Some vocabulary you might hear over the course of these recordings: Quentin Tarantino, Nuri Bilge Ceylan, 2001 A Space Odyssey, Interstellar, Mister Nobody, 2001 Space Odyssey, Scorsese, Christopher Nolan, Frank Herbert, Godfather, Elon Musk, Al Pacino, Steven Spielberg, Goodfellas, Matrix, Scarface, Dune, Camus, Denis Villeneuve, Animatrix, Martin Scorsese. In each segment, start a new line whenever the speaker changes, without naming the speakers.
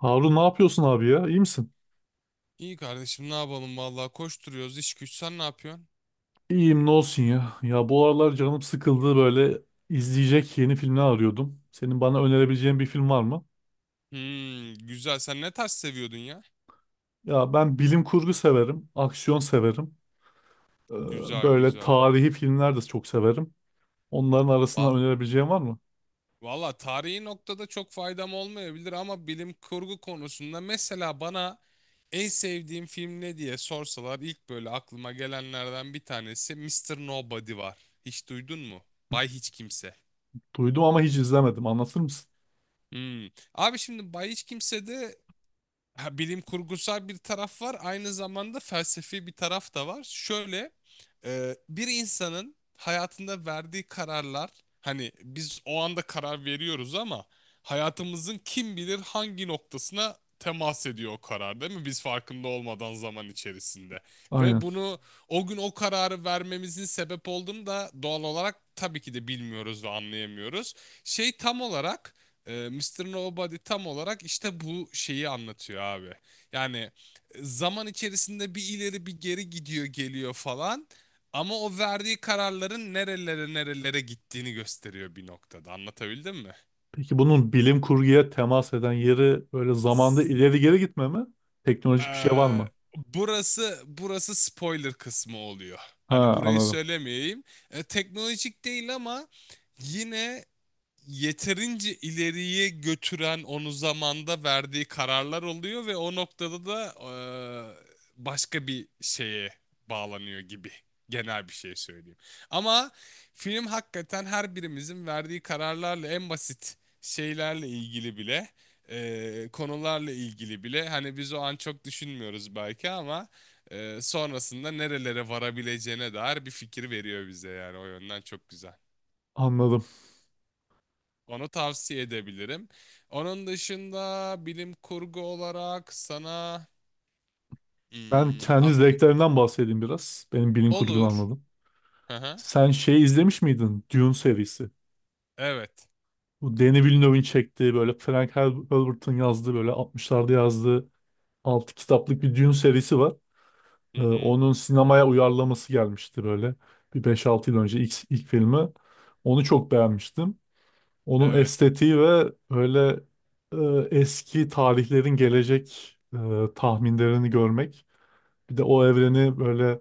Harun, ne yapıyorsun abi ya? İyi misin?
İyi kardeşim, ne yapalım vallahi, koşturuyoruz iş güç. Sen ne yapıyorsun?
İyiyim, ne olsun ya. Ya bu aralar canım sıkıldı, böyle izleyecek yeni filmler arıyordum. Senin bana önerebileceğin bir film var mı?
Hmm, güzel. Sen ne tarz seviyordun ya?
Ya ben bilim kurgu severim, aksiyon severim. Ee,
Güzel
Böyle
güzel.
tarihi filmler de çok severim. Onların
Va
arasından önerebileceğin var mı?
valla tarihi noktada çok faydam olmayabilir, ama bilim kurgu konusunda mesela bana en sevdiğim film ne diye sorsalar ilk böyle aklıma gelenlerden bir tanesi Mister Nobody var. Hiç duydun mu? Bay Hiç Kimse.
Duydum ama hiç izlemedim. Anlatır mısın?
Hmm. Abi, şimdi Bay Hiç Kimse'de ha, bilim kurgusal bir taraf var. Aynı zamanda felsefi bir taraf da var. Şöyle, bir insanın hayatında verdiği kararlar, hani biz o anda karar veriyoruz ama hayatımızın kim bilir hangi noktasına temas ediyor o karar, değil mi? Biz farkında olmadan, zaman içerisinde. Ve
Aynen.
bunu, o gün o kararı vermemizin sebep olduğunu da doğal olarak tabii ki de bilmiyoruz ve anlayamıyoruz. Şey, tam olarak Mr. Nobody tam olarak işte bu şeyi anlatıyor abi. Yani zaman içerisinde bir ileri bir geri gidiyor geliyor falan. Ama o verdiği kararların nerelere nerelere gittiğini gösteriyor bir noktada. Anlatabildim mi?
Peki bunun bilim kurguya temas eden yeri böyle zamanda
Z-
ileri geri gitme mi? Teknolojik bir şey var
e,
mı?
burası spoiler kısmı oluyor.
Ha,
Hani burayı
anladım.
söylemeyeyim. Teknolojik değil, ama yine yeterince ileriye götüren onu zamanda verdiği kararlar oluyor ve o noktada da başka bir şeye bağlanıyor gibi. Genel bir şey söyleyeyim. Ama film hakikaten her birimizin verdiği kararlarla en basit şeylerle ilgili bile, konularla ilgili bile, hani biz o an çok düşünmüyoruz belki ama sonrasında nerelere varabileceğine dair bir fikir veriyor bize, yani o yönden çok güzel.
Anladım.
Onu tavsiye edebilirim. Onun dışında bilim kurgu olarak sana
Ben kendi
aklım.
zevklerinden bahsedeyim biraz. Benim bilim kurgunu
Olur.
anladım.
Hı hı.
Sen şey izlemiş miydin? Dune serisi.
Evet.
Bu Denis Villeneuve'in çektiği, böyle Frank Herbert'ın yazdığı, böyle 60'larda yazdığı 6 kitaplık bir Dune serisi var.
Hı hı.
Onun sinemaya uyarlaması gelmişti böyle. Bir beş altı yıl önce ilk filmi. Onu çok beğenmiştim. Onun
Evet.
estetiği ve böyle eski tarihlerin gelecek tahminlerini görmek. Bir de o evreni böyle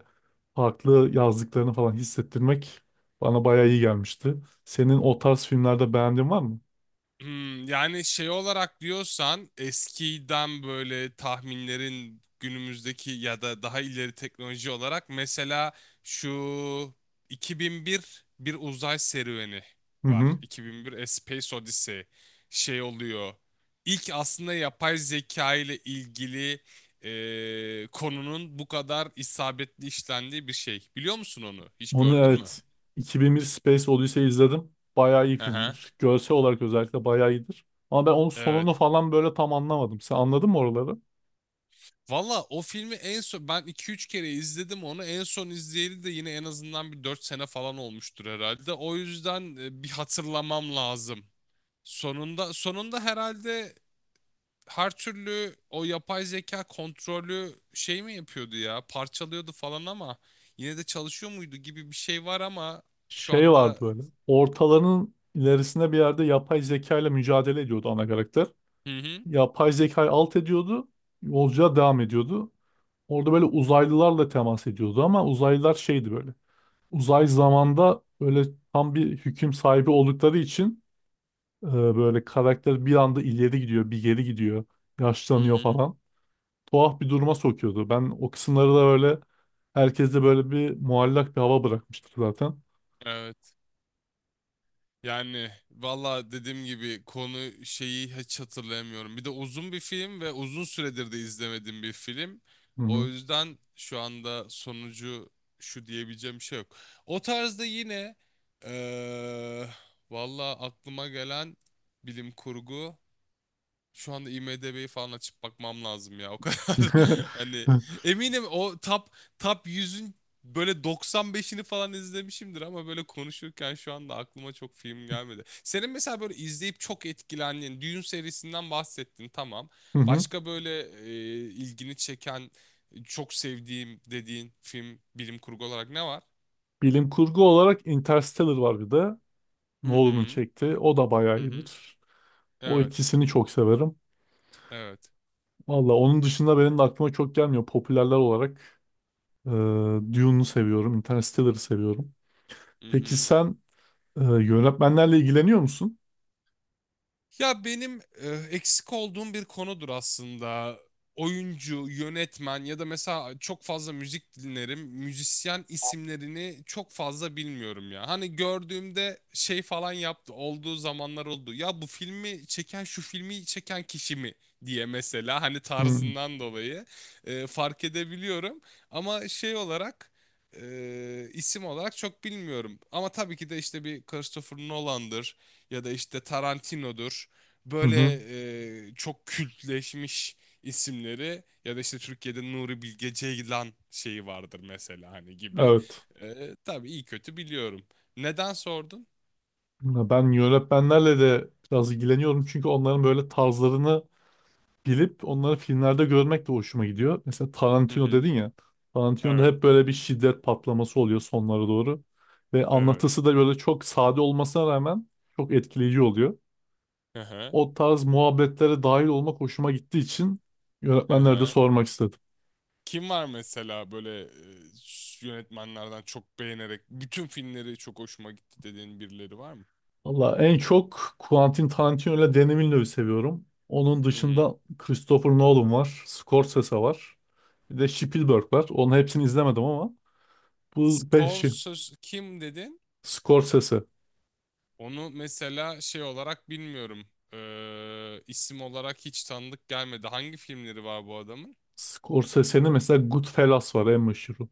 farklı yazdıklarını falan hissettirmek bana bayağı iyi gelmişti. Senin o tarz filmlerde beğendiğin var mı?
Hmm, yani şey olarak diyorsan eskiden böyle tahminlerin günümüzdeki ya da daha ileri teknoloji olarak mesela, şu 2001 bir uzay serüveni
Hı
var.
hı.
2001 A Space Odyssey şey oluyor. İlk, aslında yapay zeka ile ilgili konunun bu kadar isabetli işlendiği bir şey. Biliyor musun onu? Hiç
Onu
gördün mü?
evet, 2001 Space Odyssey izledim. Bayağı iyi
Aha.
filmdir. Görsel olarak özellikle bayağı iyidir. Ama ben onun sonunu falan böyle tam anlamadım. Sen anladın mı oraları?
Valla o filmi en son ben 2-3 kere izledim onu. En son izleyeli de yine en azından bir 4 sene falan olmuştur herhalde. O yüzden bir hatırlamam lazım. Sonunda herhalde, her türlü o yapay zeka kontrolü şey mi yapıyordu ya? Parçalıyordu falan, ama yine de çalışıyor muydu gibi bir şey var. Ama şu
Şey vardı
anda.
böyle. Ortalarının ilerisinde bir yerde yapay zeka ile mücadele ediyordu ana karakter.
Hı hı.
Yapay zekayı alt ediyordu. Yolculuğa devam ediyordu. Orada böyle uzaylılarla temas ediyordu ama uzaylılar şeydi böyle. Uzay zamanda böyle tam bir hüküm sahibi oldukları için böyle karakter bir anda ileri gidiyor, bir geri gidiyor,
Hı
yaşlanıyor
hı.
falan. Tuhaf bir duruma sokuyordu. Ben o kısımları da böyle herkeste böyle bir muallak bir hava bırakmıştı zaten.
Evet. Yani valla dediğim gibi, konu şeyi hiç hatırlayamıyorum. Bir de uzun bir film ve uzun süredir de izlemediğim bir film.
Hı
O
hı.
yüzden şu anda sonucu şu diyebileceğim bir şey yok. O tarzda yine, eee valla aklıma gelen bilim kurgu. Şu anda IMDb'yi falan açıp bakmam lazım ya, o kadar. Hani eminim o top yüzün böyle 95'ini falan izlemişimdir, ama böyle konuşurken şu anda aklıma çok film gelmedi. Senin mesela böyle izleyip çok etkilendiğin Dune serisinden bahsettin, tamam.
Hı hı.
Başka böyle ilgini çeken, çok sevdiğim dediğin film, bilim kurgu olarak ne var?
Bilim kurgu olarak Interstellar var bir de.
Hı
Nolan'ın
hı.
çekti. O da bayağı
Hı hı.
iyidir. O
Evet.
ikisini çok severim.
Evet.
Valla onun dışında benim de aklıma çok gelmiyor. Popülerler olarak e, Dune'u seviyorum. Interstellar'ı seviyorum.
Hı
Peki
hı.
sen yönetmenlerle ilgileniyor musun?
Ya benim eksik olduğum bir konudur aslında. Oyuncu, yönetmen, ya da mesela çok fazla müzik dinlerim, müzisyen isimlerini çok fazla bilmiyorum ya. Hani gördüğümde şey falan yaptı, olduğu zamanlar oldu. Ya bu filmi çeken şu filmi çeken kişi mi diye, mesela hani
Hı
tarzından dolayı fark edebiliyorum. Ama şey olarak, isim olarak çok bilmiyorum. Ama tabii ki de işte bir Christopher Nolan'dır ya da işte Tarantino'dur.
hı.
Böyle
Hı.
çok kültleşmiş isimleri, ya da işte Türkiye'de Nuri Bilge Ceylan şeyi vardır mesela, hani gibi.
Evet.
Tabii iyi kötü biliyorum. Neden sordun?
Ya ben yönetmenlerle de biraz ilgileniyorum. Çünkü onların böyle tarzlarını bilip onları filmlerde görmek de hoşuma gidiyor. Mesela
Hı
Tarantino
hı.
dedin ya. Tarantino'da
Evet,
hep böyle bir şiddet patlaması oluyor sonlara doğru. Ve
evet.
anlatısı da böyle çok sade olmasına rağmen çok etkileyici oluyor.
Hı hı,
O tarz muhabbetlere dahil olmak hoşuma gittiği için
hı
yönetmenlere de
hı.
sormak istedim.
Kim var mesela böyle yönetmenlerden çok beğenerek, bütün filmleri çok hoşuma gitti dediğin birileri var mı?
Valla en çok Quentin Tarantino ile Danny Villeneuve'ü seviyorum. Onun
Hı hı.
dışında Christopher Nolan var, Scorsese var. Bir de Spielberg var. Onun hepsini izlemedim ama bu beşi.
Scorsese kim dedin?
Scorsese.
Onu mesela şey olarak bilmiyorum. İsim olarak hiç tanıdık gelmedi. Hangi filmleri var bu adamın?
Scorsese'nin mesela Goodfellas var en meşhuru.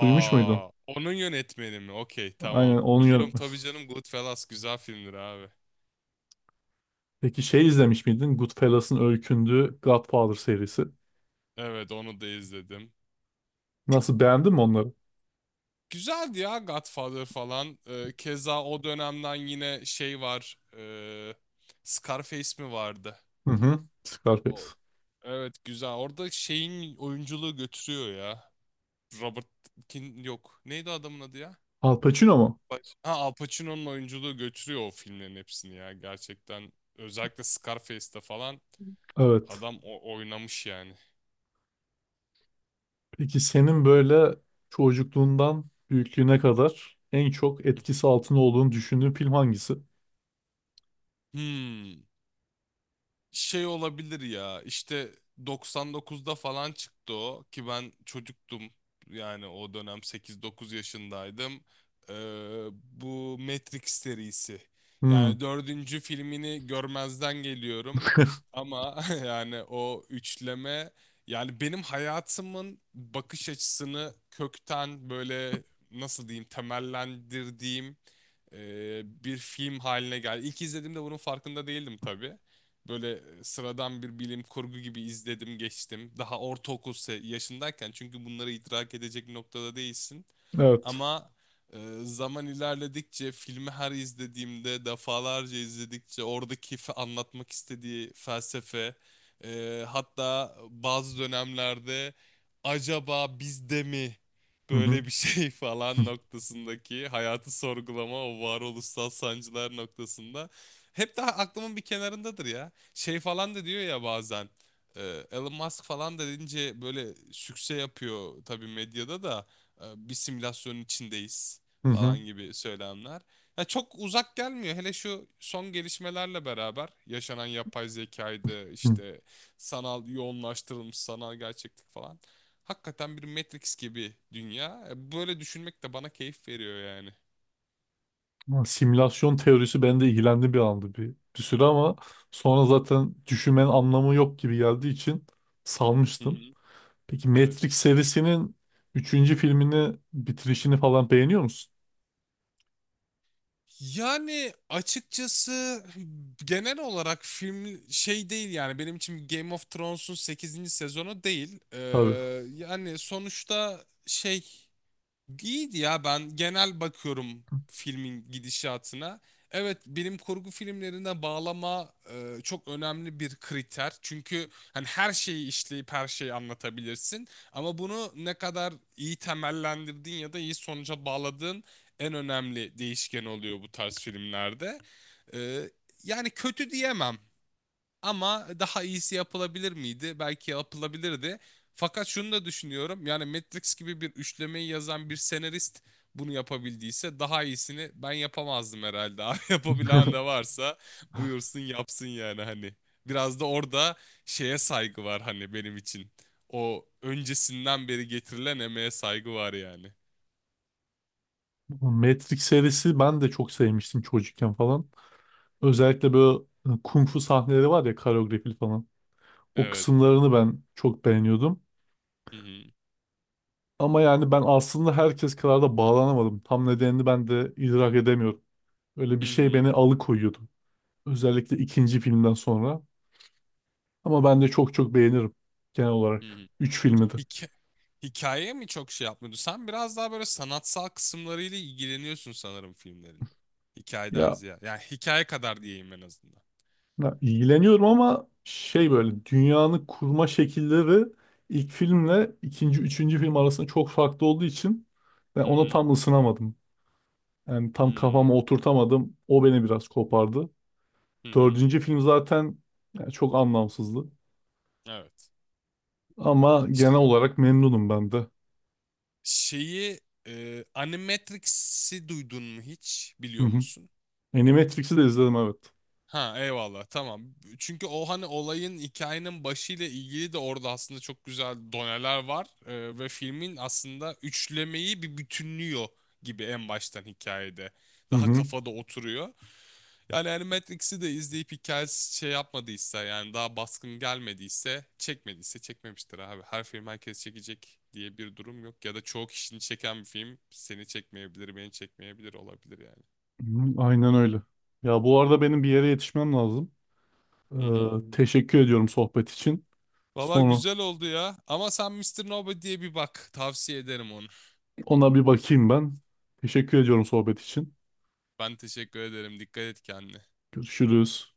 Duymuş muydun?
onun yönetmeni mi? Okey,
Aynen,
tamam.
onun
Biliyorum
yönetmeni.
tabii canım, Goodfellas güzel filmdir abi.
Peki şey izlemiş miydin? Goodfellas'ın öykündüğü Godfather serisi.
Evet, onu da izledim.
Nasıl, beğendin mi onları?
Güzeldi ya Godfather falan. Keza o dönemden yine şey var. Scarface mi vardı?
Hı hı. Scarface.
O, evet, güzel. Orada şeyin oyunculuğu götürüyor ya. Robert Kin yok. Neydi adamın adı ya?
Al Pacino mu?
Al Pacino'nun oyunculuğu götürüyor o filmlerin hepsini ya, gerçekten. Özellikle Scarface'te falan
Evet.
adam o oynamış yani.
Peki senin böyle çocukluğundan büyüklüğüne kadar en çok etkisi altında olduğunu düşündüğün film hangisi?
Hmm. Şey olabilir ya, işte 99'da falan çıktı o, ki ben çocuktum, yani o dönem 8-9 yaşındaydım. Ee, bu Matrix serisi,
Hmm.
yani dördüncü filmini görmezden geliyorum ama yani o üçleme, yani benim hayatımın bakış açısını kökten böyle, nasıl diyeyim, temellendirdiğim bir film haline geldi. İlk izlediğimde bunun farkında değildim tabii. Böyle sıradan bir bilim kurgu gibi izledim geçtim. Daha ortaokul yaşındayken, çünkü bunları idrak edecek noktada değilsin.
Evet.
Ama e, zaman ilerledikçe, filmi her izlediğimde, defalarca izledikçe, oradaki anlatmak istediği felsefe, hatta bazı dönemlerde acaba biz de mi
Hı hı.
böyle bir şey falan noktasındaki hayatı sorgulama, o varoluşsal sancılar noktasında hep daha aklımın bir kenarındadır ya, şey falan da diyor ya bazen. e, Elon Musk falan da deyince böyle sükse yapıyor tabii medyada da, bir simülasyonun içindeyiz
Hı hı.
falan gibi söylemler. Ya çok uzak gelmiyor, hele şu son gelişmelerle beraber yaşanan yapay zekaydı,
Hı.
işte sanal yoğunlaştırılmış sanal gerçeklik falan. Hakikaten bir Matrix gibi dünya. Böyle düşünmek de bana keyif veriyor yani.
Ama Simülasyon teorisi bende ilgilendi bir anda bir süre, ama sonra zaten düşünmenin anlamı yok gibi geldiği için
Hı
salmıştım.
hı.
Peki
Evet.
Matrix serisinin üçüncü filmini bitirişini falan beğeniyor musun?
Yani açıkçası genel olarak film şey değil, yani benim için Game of Thrones'un sekizinci sezonu değil.
Tabii.
Yani sonuçta şey, İyiydi ya, ben genel bakıyorum filmin gidişatına. Evet, bilim kurgu filmlerine bağlama çok önemli bir kriter. Çünkü hani her şeyi işleyip her şeyi anlatabilirsin. Ama bunu ne kadar iyi temellendirdin ya da iyi sonuca bağladığın, en önemli değişken oluyor bu tarz filmlerde. E, yani kötü diyemem. Ama daha iyisi yapılabilir miydi? Belki yapılabilirdi. Fakat şunu da düşünüyorum. Yani Matrix gibi bir üçlemeyi yazan bir senarist bunu yapabildiyse, daha iyisini ben yapamazdım herhalde. Abi yapabilen de varsa buyursun yapsın yani, hani. Biraz da orada şeye saygı var, hani benim için. O öncesinden beri getirilen emeğe saygı var yani.
Matrix serisi ben de çok sevmiştim çocukken falan. Özellikle böyle hani kung fu sahneleri var ya, koreografili falan. O
Evet.
kısımlarını ben çok beğeniyordum.
Hı hı.
Ama yani ben aslında herkes kadar da bağlanamadım. Tam nedenini ben de idrak edemiyorum. Öyle bir
Hı
şey
hı.
beni alıkoyuyordu. Özellikle ikinci filmden sonra. Ama ben de çok çok beğenirim genel
Hı
olarak.
hı.
Üç filmi de.
Hikayeye mi çok şey yapmıyordu? Sen biraz daha böyle sanatsal kısımlarıyla ilgileniyorsun sanırım filmlerin, hikayeden
Ya,
ziyade. Yani hikaye kadar diyeyim en azından.
ya ilgileniyorum ama şey, böyle dünyanın kurma şekilleri ilk filmle ikinci, üçüncü film arasında çok farklı olduğu için ben
Hı
ona
hı.
tam ısınamadım. Yani tam
Hmm.
kafama oturtamadım. O beni biraz kopardı.
Hı hı.
Dördüncü film zaten yani çok anlamsızdı.
Evet.
Ama
Ş-
genel olarak memnunum ben de.
Şeyi, Animatrix'i duydun mu hiç?
Hı
Biliyor
hı.
musun?
Animatrix'i de izledim, evet.
Ha, eyvallah, tamam. Çünkü o hani olayın, hikayenin başıyla ilgili de orada aslında çok güzel doneler var. Ve filmin aslında üçlemeyi bir bütünlüyor gibi, en baştan hikayede.
Hı
Daha
hı.
kafada oturuyor. Yani hani Matrix'i de izleyip hikayesi şey yapmadıysa, yani daha baskın gelmediyse, çekmediyse çekmemiştir abi. Her film herkes çekecek diye bir durum yok. Ya da çoğu kişinin çeken bir film seni çekmeyebilir, beni çekmeyebilir, olabilir yani.
Hı, aynen öyle. Ya bu arada benim bir yere yetişmem lazım.
Hı hı.
Hmm. Teşekkür ediyorum sohbet için.
Valla
Sonra
güzel oldu ya. Ama sen Mister Nobody'ye bir bak, tavsiye ederim onu.
ona bir bakayım ben. Teşekkür ediyorum sohbet için.
Ben teşekkür ederim. Dikkat et kendine.
Görüşürüz.